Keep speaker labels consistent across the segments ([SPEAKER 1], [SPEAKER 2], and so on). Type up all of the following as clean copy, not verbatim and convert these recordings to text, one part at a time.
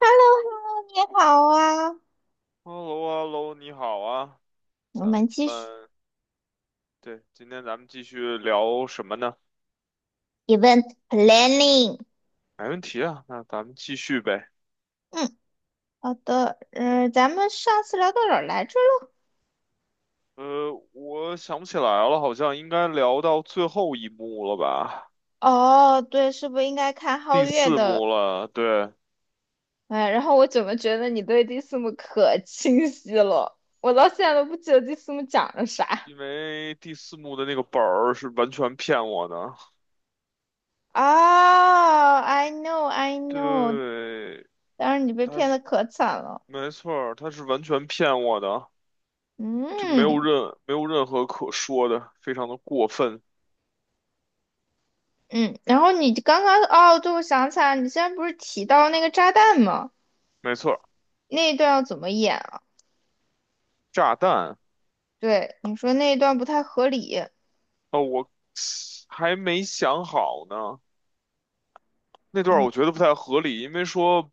[SPEAKER 1] h e l l o h e l l o 你好啊，
[SPEAKER 2] H e l l o, h e l l o, 你好啊。
[SPEAKER 1] 我
[SPEAKER 2] 咱
[SPEAKER 1] 们继续
[SPEAKER 2] 们对，今天咱们继续聊什么呢？
[SPEAKER 1] event planning。
[SPEAKER 2] 没问题啊，那咱们继续呗。
[SPEAKER 1] 嗯，好的，咱们上次聊到哪儿来着了？
[SPEAKER 2] 我想不起来了，好像应该聊到最后一幕了吧？
[SPEAKER 1] 哦，对，是不是应该看皓
[SPEAKER 2] 第
[SPEAKER 1] 月
[SPEAKER 2] 四
[SPEAKER 1] 的？
[SPEAKER 2] 幕了，对，
[SPEAKER 1] 哎，然后我怎么觉得你对蒂斯姆可清晰了？我到现在都不记得蒂斯姆讲了啥。
[SPEAKER 2] 因为第四幕的那个本儿是完全骗我的。
[SPEAKER 1] 啊 I know，
[SPEAKER 2] 对，
[SPEAKER 1] 当然你被
[SPEAKER 2] 他
[SPEAKER 1] 骗的
[SPEAKER 2] 是
[SPEAKER 1] 可惨了。
[SPEAKER 2] 没错儿，他是完全骗我的，就
[SPEAKER 1] 嗯，
[SPEAKER 2] 没有任何可说的，非常的过分，
[SPEAKER 1] 嗯，然后你刚刚哦，对，我想起来了，你现在不是提到那个炸弹吗？
[SPEAKER 2] 没错儿，
[SPEAKER 1] 那一段要怎么演啊？
[SPEAKER 2] 炸弹。
[SPEAKER 1] 对，你说那一段不太合理。
[SPEAKER 2] 哦，我还没想好呢。那段儿
[SPEAKER 1] 嗯，
[SPEAKER 2] 我觉得不太合理，因为说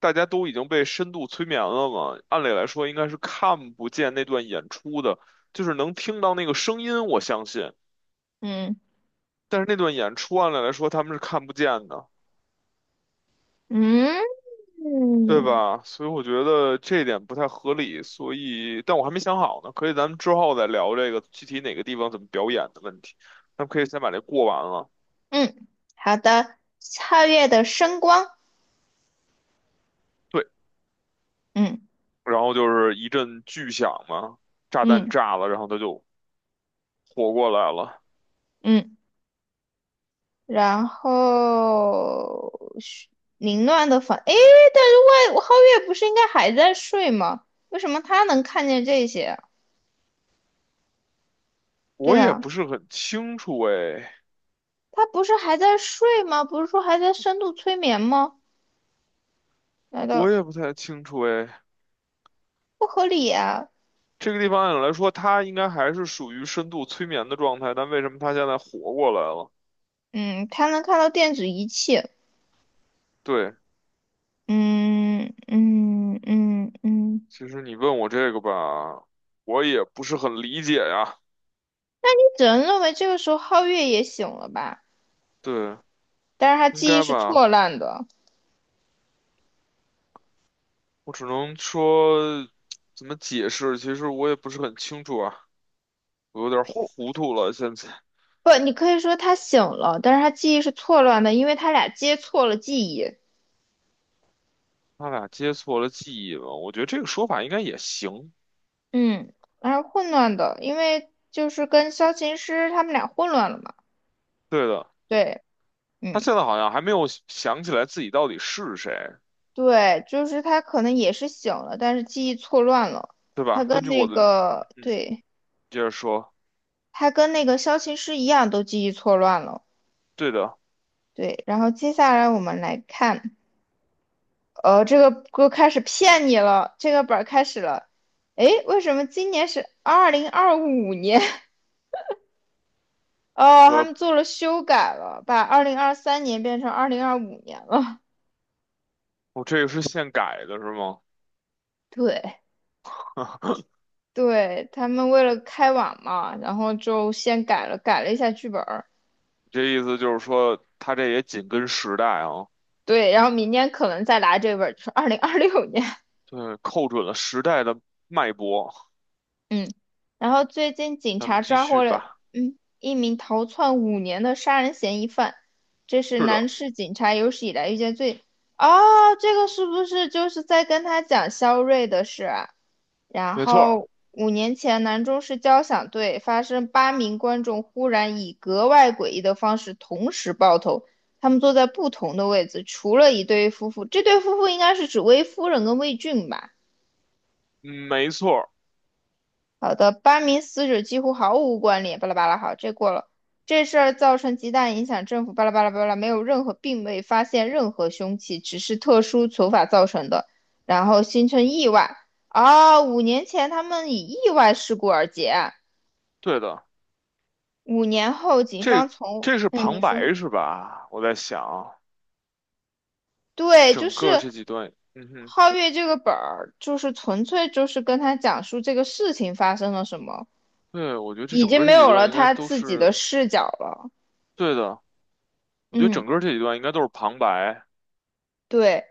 [SPEAKER 2] 大家都已经被深度催眠了嘛，按理来说应该是看不见那段演出的，就是能听到那个声音，我相信。
[SPEAKER 1] 嗯，
[SPEAKER 2] 但是那段演出按理来说他们是看不见的，
[SPEAKER 1] 嗯，
[SPEAKER 2] 对
[SPEAKER 1] 嗯，
[SPEAKER 2] 吧？所以我觉得这一点不太合理，所以但我还没想好呢，可以咱们之后再聊这个具体哪个地方怎么表演的问题。咱们可以先把这过完了。
[SPEAKER 1] 嗯，好的，皓月的声光。
[SPEAKER 2] 对，
[SPEAKER 1] 嗯，
[SPEAKER 2] 然后就是一阵巨响嘛，炸弹
[SPEAKER 1] 嗯，
[SPEAKER 2] 炸了，然后它就活过来了。
[SPEAKER 1] 嗯，然后是凌乱的房。诶，但是外皓月不是应该还在睡吗？为什么他能看见这些？对
[SPEAKER 2] 我也
[SPEAKER 1] 啊，
[SPEAKER 2] 不是很清楚哎，
[SPEAKER 1] 他不是还在睡吗？不是说还在深度催眠吗？难
[SPEAKER 2] 我
[SPEAKER 1] 道
[SPEAKER 2] 也不太清楚哎。
[SPEAKER 1] 不合理啊？
[SPEAKER 2] 这个地方按理来说，它应该还是属于深度催眠的状态，但为什么它现在活过来了？
[SPEAKER 1] 嗯，他能看到电子仪器。
[SPEAKER 2] 对，
[SPEAKER 1] 嗯，嗯，嗯，嗯，
[SPEAKER 2] 其实你问我这个吧，我也不是很理解呀。
[SPEAKER 1] 只能认为这个时候皓月也醒了吧，
[SPEAKER 2] 对，
[SPEAKER 1] 但是他
[SPEAKER 2] 应
[SPEAKER 1] 记忆
[SPEAKER 2] 该
[SPEAKER 1] 是
[SPEAKER 2] 吧，
[SPEAKER 1] 错乱的。
[SPEAKER 2] 我只能说怎么解释，其实我也不是很清楚啊，我有点糊涂了。现在
[SPEAKER 1] 不，你可以说他醒了，但是他记忆是错乱的，因为他俩接错了记忆。
[SPEAKER 2] 他俩接错了记忆了，我觉得这个说法应该也行。
[SPEAKER 1] 嗯，然后混乱的，因为就是跟萧琴师他们俩混乱了嘛。
[SPEAKER 2] 对的。
[SPEAKER 1] 对，
[SPEAKER 2] 他
[SPEAKER 1] 嗯，
[SPEAKER 2] 现在好像还没有想起来自己到底是谁，
[SPEAKER 1] 对，就是他可能也是醒了，但是记忆错乱了。
[SPEAKER 2] 对
[SPEAKER 1] 他
[SPEAKER 2] 吧？根
[SPEAKER 1] 跟
[SPEAKER 2] 据我
[SPEAKER 1] 那
[SPEAKER 2] 的，
[SPEAKER 1] 个，
[SPEAKER 2] 嗯，
[SPEAKER 1] 对，
[SPEAKER 2] 接着说，
[SPEAKER 1] 他跟那个萧琴师一样，都记忆错乱了。
[SPEAKER 2] 对的。
[SPEAKER 1] 对，然后接下来我们来看。这个歌开始骗你了，这个本儿开始了。诶，为什么今年是二零二五年？哦，他们
[SPEAKER 2] 我
[SPEAKER 1] 做了修改了，把2023年变成二零二五年了。
[SPEAKER 2] 我这个是现改的，是吗？
[SPEAKER 1] 对，对，他们为了开网嘛，然后就先改了，改了一下剧本儿。
[SPEAKER 2] 这意思就是说，他这也紧跟时代啊。
[SPEAKER 1] 对，然后明年可能再来这本儿，就是2026年。
[SPEAKER 2] 对，扣准了时代的脉搏。
[SPEAKER 1] 嗯，然后最近警
[SPEAKER 2] 咱们
[SPEAKER 1] 察
[SPEAKER 2] 继
[SPEAKER 1] 抓
[SPEAKER 2] 续
[SPEAKER 1] 获了
[SPEAKER 2] 吧。
[SPEAKER 1] 一名逃窜五年的杀人嫌疑犯，这是
[SPEAKER 2] 是的，
[SPEAKER 1] 南市警察有史以来遇见最……哦，这个是不是就是在跟他讲肖瑞的事啊？然
[SPEAKER 2] 没错儿。
[SPEAKER 1] 后五年前，南中市交响队发生8名观众忽然以格外诡异的方式同时爆头，他们坐在不同的位置，除了一对夫妇，这对夫妇应该是指魏夫人跟魏俊吧？
[SPEAKER 2] 嗯，没错儿。
[SPEAKER 1] 好的，班名死者几乎毫无关联，巴拉巴拉。好，这过了。这事儿造成极大影响，政府巴拉巴拉巴拉，没有任何，并未发现任何凶器，只是特殊手法造成的，然后形成意外。啊，五年前他们以意外事故而结案，
[SPEAKER 2] 对的。
[SPEAKER 1] 5年后警
[SPEAKER 2] 这
[SPEAKER 1] 方从，
[SPEAKER 2] 这是
[SPEAKER 1] 嗯，你
[SPEAKER 2] 旁
[SPEAKER 1] 说，
[SPEAKER 2] 白是吧？我在想，
[SPEAKER 1] 对，就
[SPEAKER 2] 整
[SPEAKER 1] 是
[SPEAKER 2] 个这几段，嗯哼。
[SPEAKER 1] 皓月这个本儿，就是纯粹就是跟他讲述这个事情发生了什么，
[SPEAKER 2] 对，我觉得这
[SPEAKER 1] 已
[SPEAKER 2] 整
[SPEAKER 1] 经
[SPEAKER 2] 个
[SPEAKER 1] 没
[SPEAKER 2] 这几
[SPEAKER 1] 有了
[SPEAKER 2] 段应该
[SPEAKER 1] 他
[SPEAKER 2] 都
[SPEAKER 1] 自己的
[SPEAKER 2] 是
[SPEAKER 1] 视角了。
[SPEAKER 2] 对的。我觉得
[SPEAKER 1] 嗯，
[SPEAKER 2] 整个这一段应该都是旁白。
[SPEAKER 1] 对。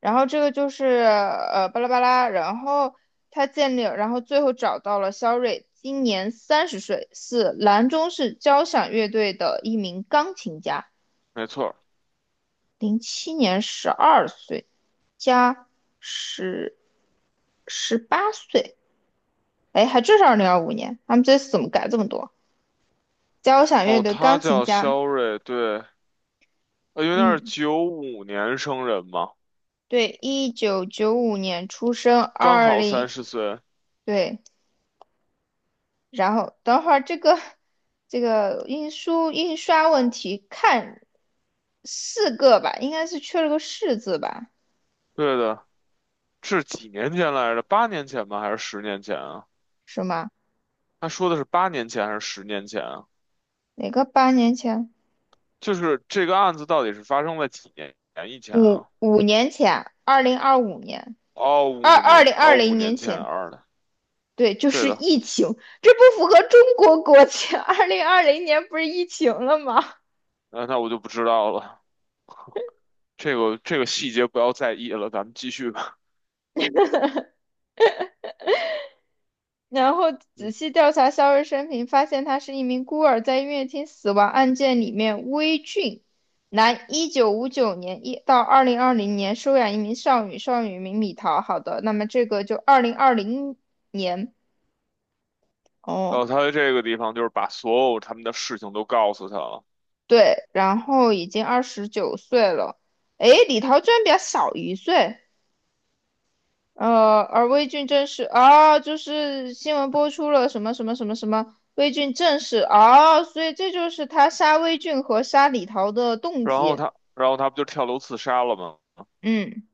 [SPEAKER 1] 然后这个就是巴拉巴拉，然后他建立，然后最后找到了肖瑞，今年30岁，是兰州市交响乐队的一名钢琴家，
[SPEAKER 2] 没错儿。
[SPEAKER 1] 零七年12岁加十18岁，哎，还真是二零二五年，他们这次怎么改这么多？交响乐
[SPEAKER 2] 哦，
[SPEAKER 1] 队
[SPEAKER 2] 他
[SPEAKER 1] 钢琴
[SPEAKER 2] 叫
[SPEAKER 1] 家，
[SPEAKER 2] 肖瑞。对，因为他是
[SPEAKER 1] 嗯，
[SPEAKER 2] 95年生人嘛，
[SPEAKER 1] 对，1995年出生，
[SPEAKER 2] 刚
[SPEAKER 1] 二
[SPEAKER 2] 好三
[SPEAKER 1] 零。
[SPEAKER 2] 十岁。
[SPEAKER 1] 对，然后等会儿这个印书印刷问题，看四个吧，应该是缺了个"是"字吧？
[SPEAKER 2] 对的，是几年前来着？八年前吗？还是十年前啊？
[SPEAKER 1] 是吗？
[SPEAKER 2] 他说的是八年前还是十年前啊？
[SPEAKER 1] 哪个八年前？
[SPEAKER 2] 就是这个案子到底是发生在几年以前啊？
[SPEAKER 1] 五年前，二零二五年，
[SPEAKER 2] 哦，五
[SPEAKER 1] 二
[SPEAKER 2] 年，
[SPEAKER 1] 零二
[SPEAKER 2] 哦，五
[SPEAKER 1] 零
[SPEAKER 2] 年
[SPEAKER 1] 年
[SPEAKER 2] 前
[SPEAKER 1] 前，
[SPEAKER 2] 二的。
[SPEAKER 1] 对，就
[SPEAKER 2] 对
[SPEAKER 1] 是
[SPEAKER 2] 的，
[SPEAKER 1] 疫情，这不符合中国国情。二零二零年不是疫情了吗？
[SPEAKER 2] 那那我就不知道了，这个这个细节不要在意了，咱们继续吧。
[SPEAKER 1] 然后仔
[SPEAKER 2] 嗯
[SPEAKER 1] 细调查肖瑞生平，发现他是一名孤儿，在音乐厅死亡案件里面，威俊，男，1959年一到二零二零年收养一名少女，少女名米桃。好的，那么这个就二零二零年
[SPEAKER 2] 然后
[SPEAKER 1] 哦，
[SPEAKER 2] 他在这个地方就是把所有他们的事情都告诉他了。
[SPEAKER 1] 对，然后已经29岁了。诶，李桃居然比他小一岁，而魏俊正是啊，就是新闻播出了什么什么什么什么，魏俊正是啊，所以这就是他杀魏俊和杀李桃的动
[SPEAKER 2] 然后
[SPEAKER 1] 机。
[SPEAKER 2] 他，然后他不就跳楼自杀了吗？
[SPEAKER 1] 嗯，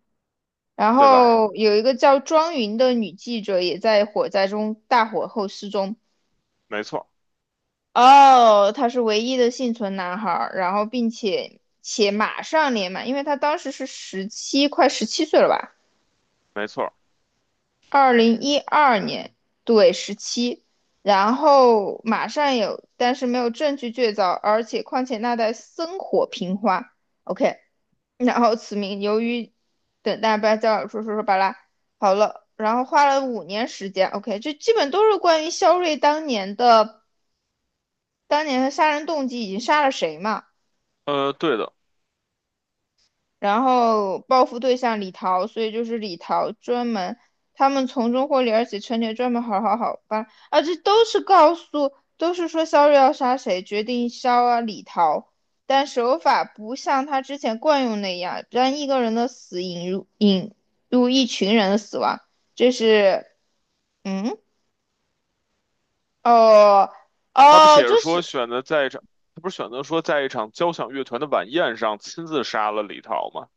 [SPEAKER 1] 然
[SPEAKER 2] 对吧？
[SPEAKER 1] 后有一个叫庄云的女记者也在火灾中大火后失踪。
[SPEAKER 2] 没错。
[SPEAKER 1] 哦，他是唯一的幸存男孩儿，然后并且马上年满，因为他当时是十七，快17岁了吧？
[SPEAKER 2] 没错。
[SPEAKER 1] 2012年，对，十七，然后马上有，但是没有证据确凿，而且况且那代生火平花，OK，然后此名由于等待要加尔说说说巴拉，好了，然后花了5年时间，OK，就基本都是关于肖瑞当年的杀人动机已经杀了谁嘛。
[SPEAKER 2] 对的，
[SPEAKER 1] 然后报复对象李桃，所以就是李桃专门，他们从中获利，而且陈年专门好好好吧，啊，这都是告诉，都是说肖瑞要杀谁，决定肖啊李桃，但手法不像他之前惯用那样，让一个人的死引入一群人的死亡，这是，嗯，哦，
[SPEAKER 2] 他不
[SPEAKER 1] 哦，
[SPEAKER 2] 写着
[SPEAKER 1] 这
[SPEAKER 2] 说
[SPEAKER 1] 是，
[SPEAKER 2] 选择在一场，他不是选择说在一场交响乐团的晚宴上亲自杀了李桃吗？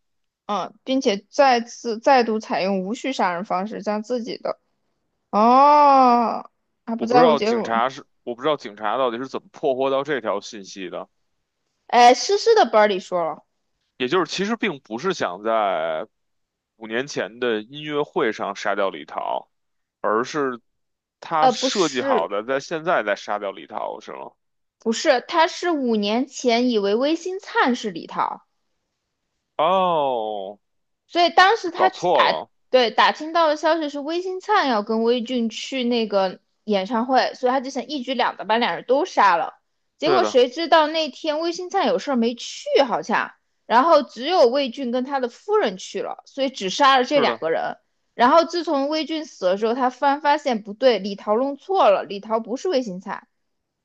[SPEAKER 1] 嗯，并且再次再度采用无序杀人方式，将自己的。哦，他不
[SPEAKER 2] 我不知
[SPEAKER 1] 在乎
[SPEAKER 2] 道
[SPEAKER 1] 结
[SPEAKER 2] 警
[SPEAKER 1] 果。
[SPEAKER 2] 察是，我不知道警察到底是怎么破获到这条信息的。
[SPEAKER 1] 哎，诗诗的本儿里说了，
[SPEAKER 2] 也就是其实并不是想在五年前的音乐会上杀掉李桃，而是。他
[SPEAKER 1] 不
[SPEAKER 2] 设计
[SPEAKER 1] 是，
[SPEAKER 2] 好的，在现在再杀掉李涛是吗？
[SPEAKER 1] 不是，他是五年前以为微星灿是李涛。
[SPEAKER 2] 哦，
[SPEAKER 1] 所以当时
[SPEAKER 2] 搞
[SPEAKER 1] 他听
[SPEAKER 2] 错
[SPEAKER 1] 打
[SPEAKER 2] 了，
[SPEAKER 1] 对打听到的消息是魏新灿要跟魏俊去那个演唱会，所以他就想一举两得，把两人都杀了。结
[SPEAKER 2] 对
[SPEAKER 1] 果
[SPEAKER 2] 的，
[SPEAKER 1] 谁知道那天魏新灿有事儿没去，好像，然后只有魏俊跟他的夫人去了，所以只杀了这
[SPEAKER 2] 是
[SPEAKER 1] 两
[SPEAKER 2] 的，
[SPEAKER 1] 个人。然后自从魏俊死了之后，他突然发现不对，李桃弄错了，李桃不是魏新灿，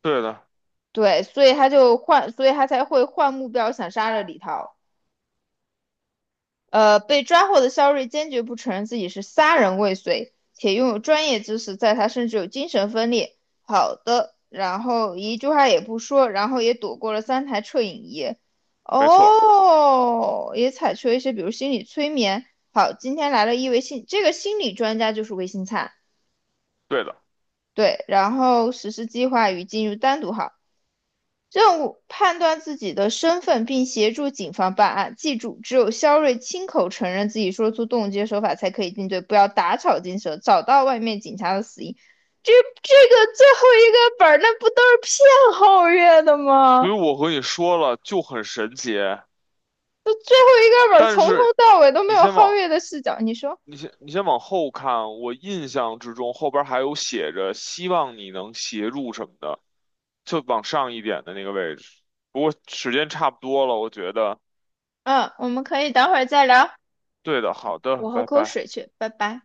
[SPEAKER 2] 对的，
[SPEAKER 1] 对，所以他就换，所以他才会换目标想杀了李桃。被抓获的肖瑞坚决不承认自己是杀人未遂，且拥有专业知识，在他甚至有精神分裂。好的，然后一句话也不说，然后也躲过了3台摄影仪。
[SPEAKER 2] 没错，
[SPEAKER 1] 哦，也采取了一些，比如心理催眠。好，今天来了一位心，这个心理专家就是魏新灿，
[SPEAKER 2] 对的。
[SPEAKER 1] 对，然后实施计划与进入单独号。任务：判断自己的身份并协助警方办案。记住，只有肖瑞亲口承认自己说出冻结手法，才可以定罪。不要打草惊蛇，找到外面警察的死因。这这个最后一个本儿，那不都是骗皓月的
[SPEAKER 2] 所以
[SPEAKER 1] 吗？
[SPEAKER 2] 我和你说了，就很神奇。
[SPEAKER 1] 这最后一个本儿
[SPEAKER 2] 但
[SPEAKER 1] 从头
[SPEAKER 2] 是
[SPEAKER 1] 到尾都没
[SPEAKER 2] 你
[SPEAKER 1] 有
[SPEAKER 2] 先
[SPEAKER 1] 皓
[SPEAKER 2] 往
[SPEAKER 1] 月的视角。你说，
[SPEAKER 2] 你先往后看，我印象之中后边还有写着希望你能协助什么的，就往上一点的那个位置。不过时间差不多了，我觉得
[SPEAKER 1] 嗯，我们可以等会儿再聊。
[SPEAKER 2] 对的，好的，
[SPEAKER 1] 我喝
[SPEAKER 2] 拜
[SPEAKER 1] 口
[SPEAKER 2] 拜。
[SPEAKER 1] 水去，拜拜。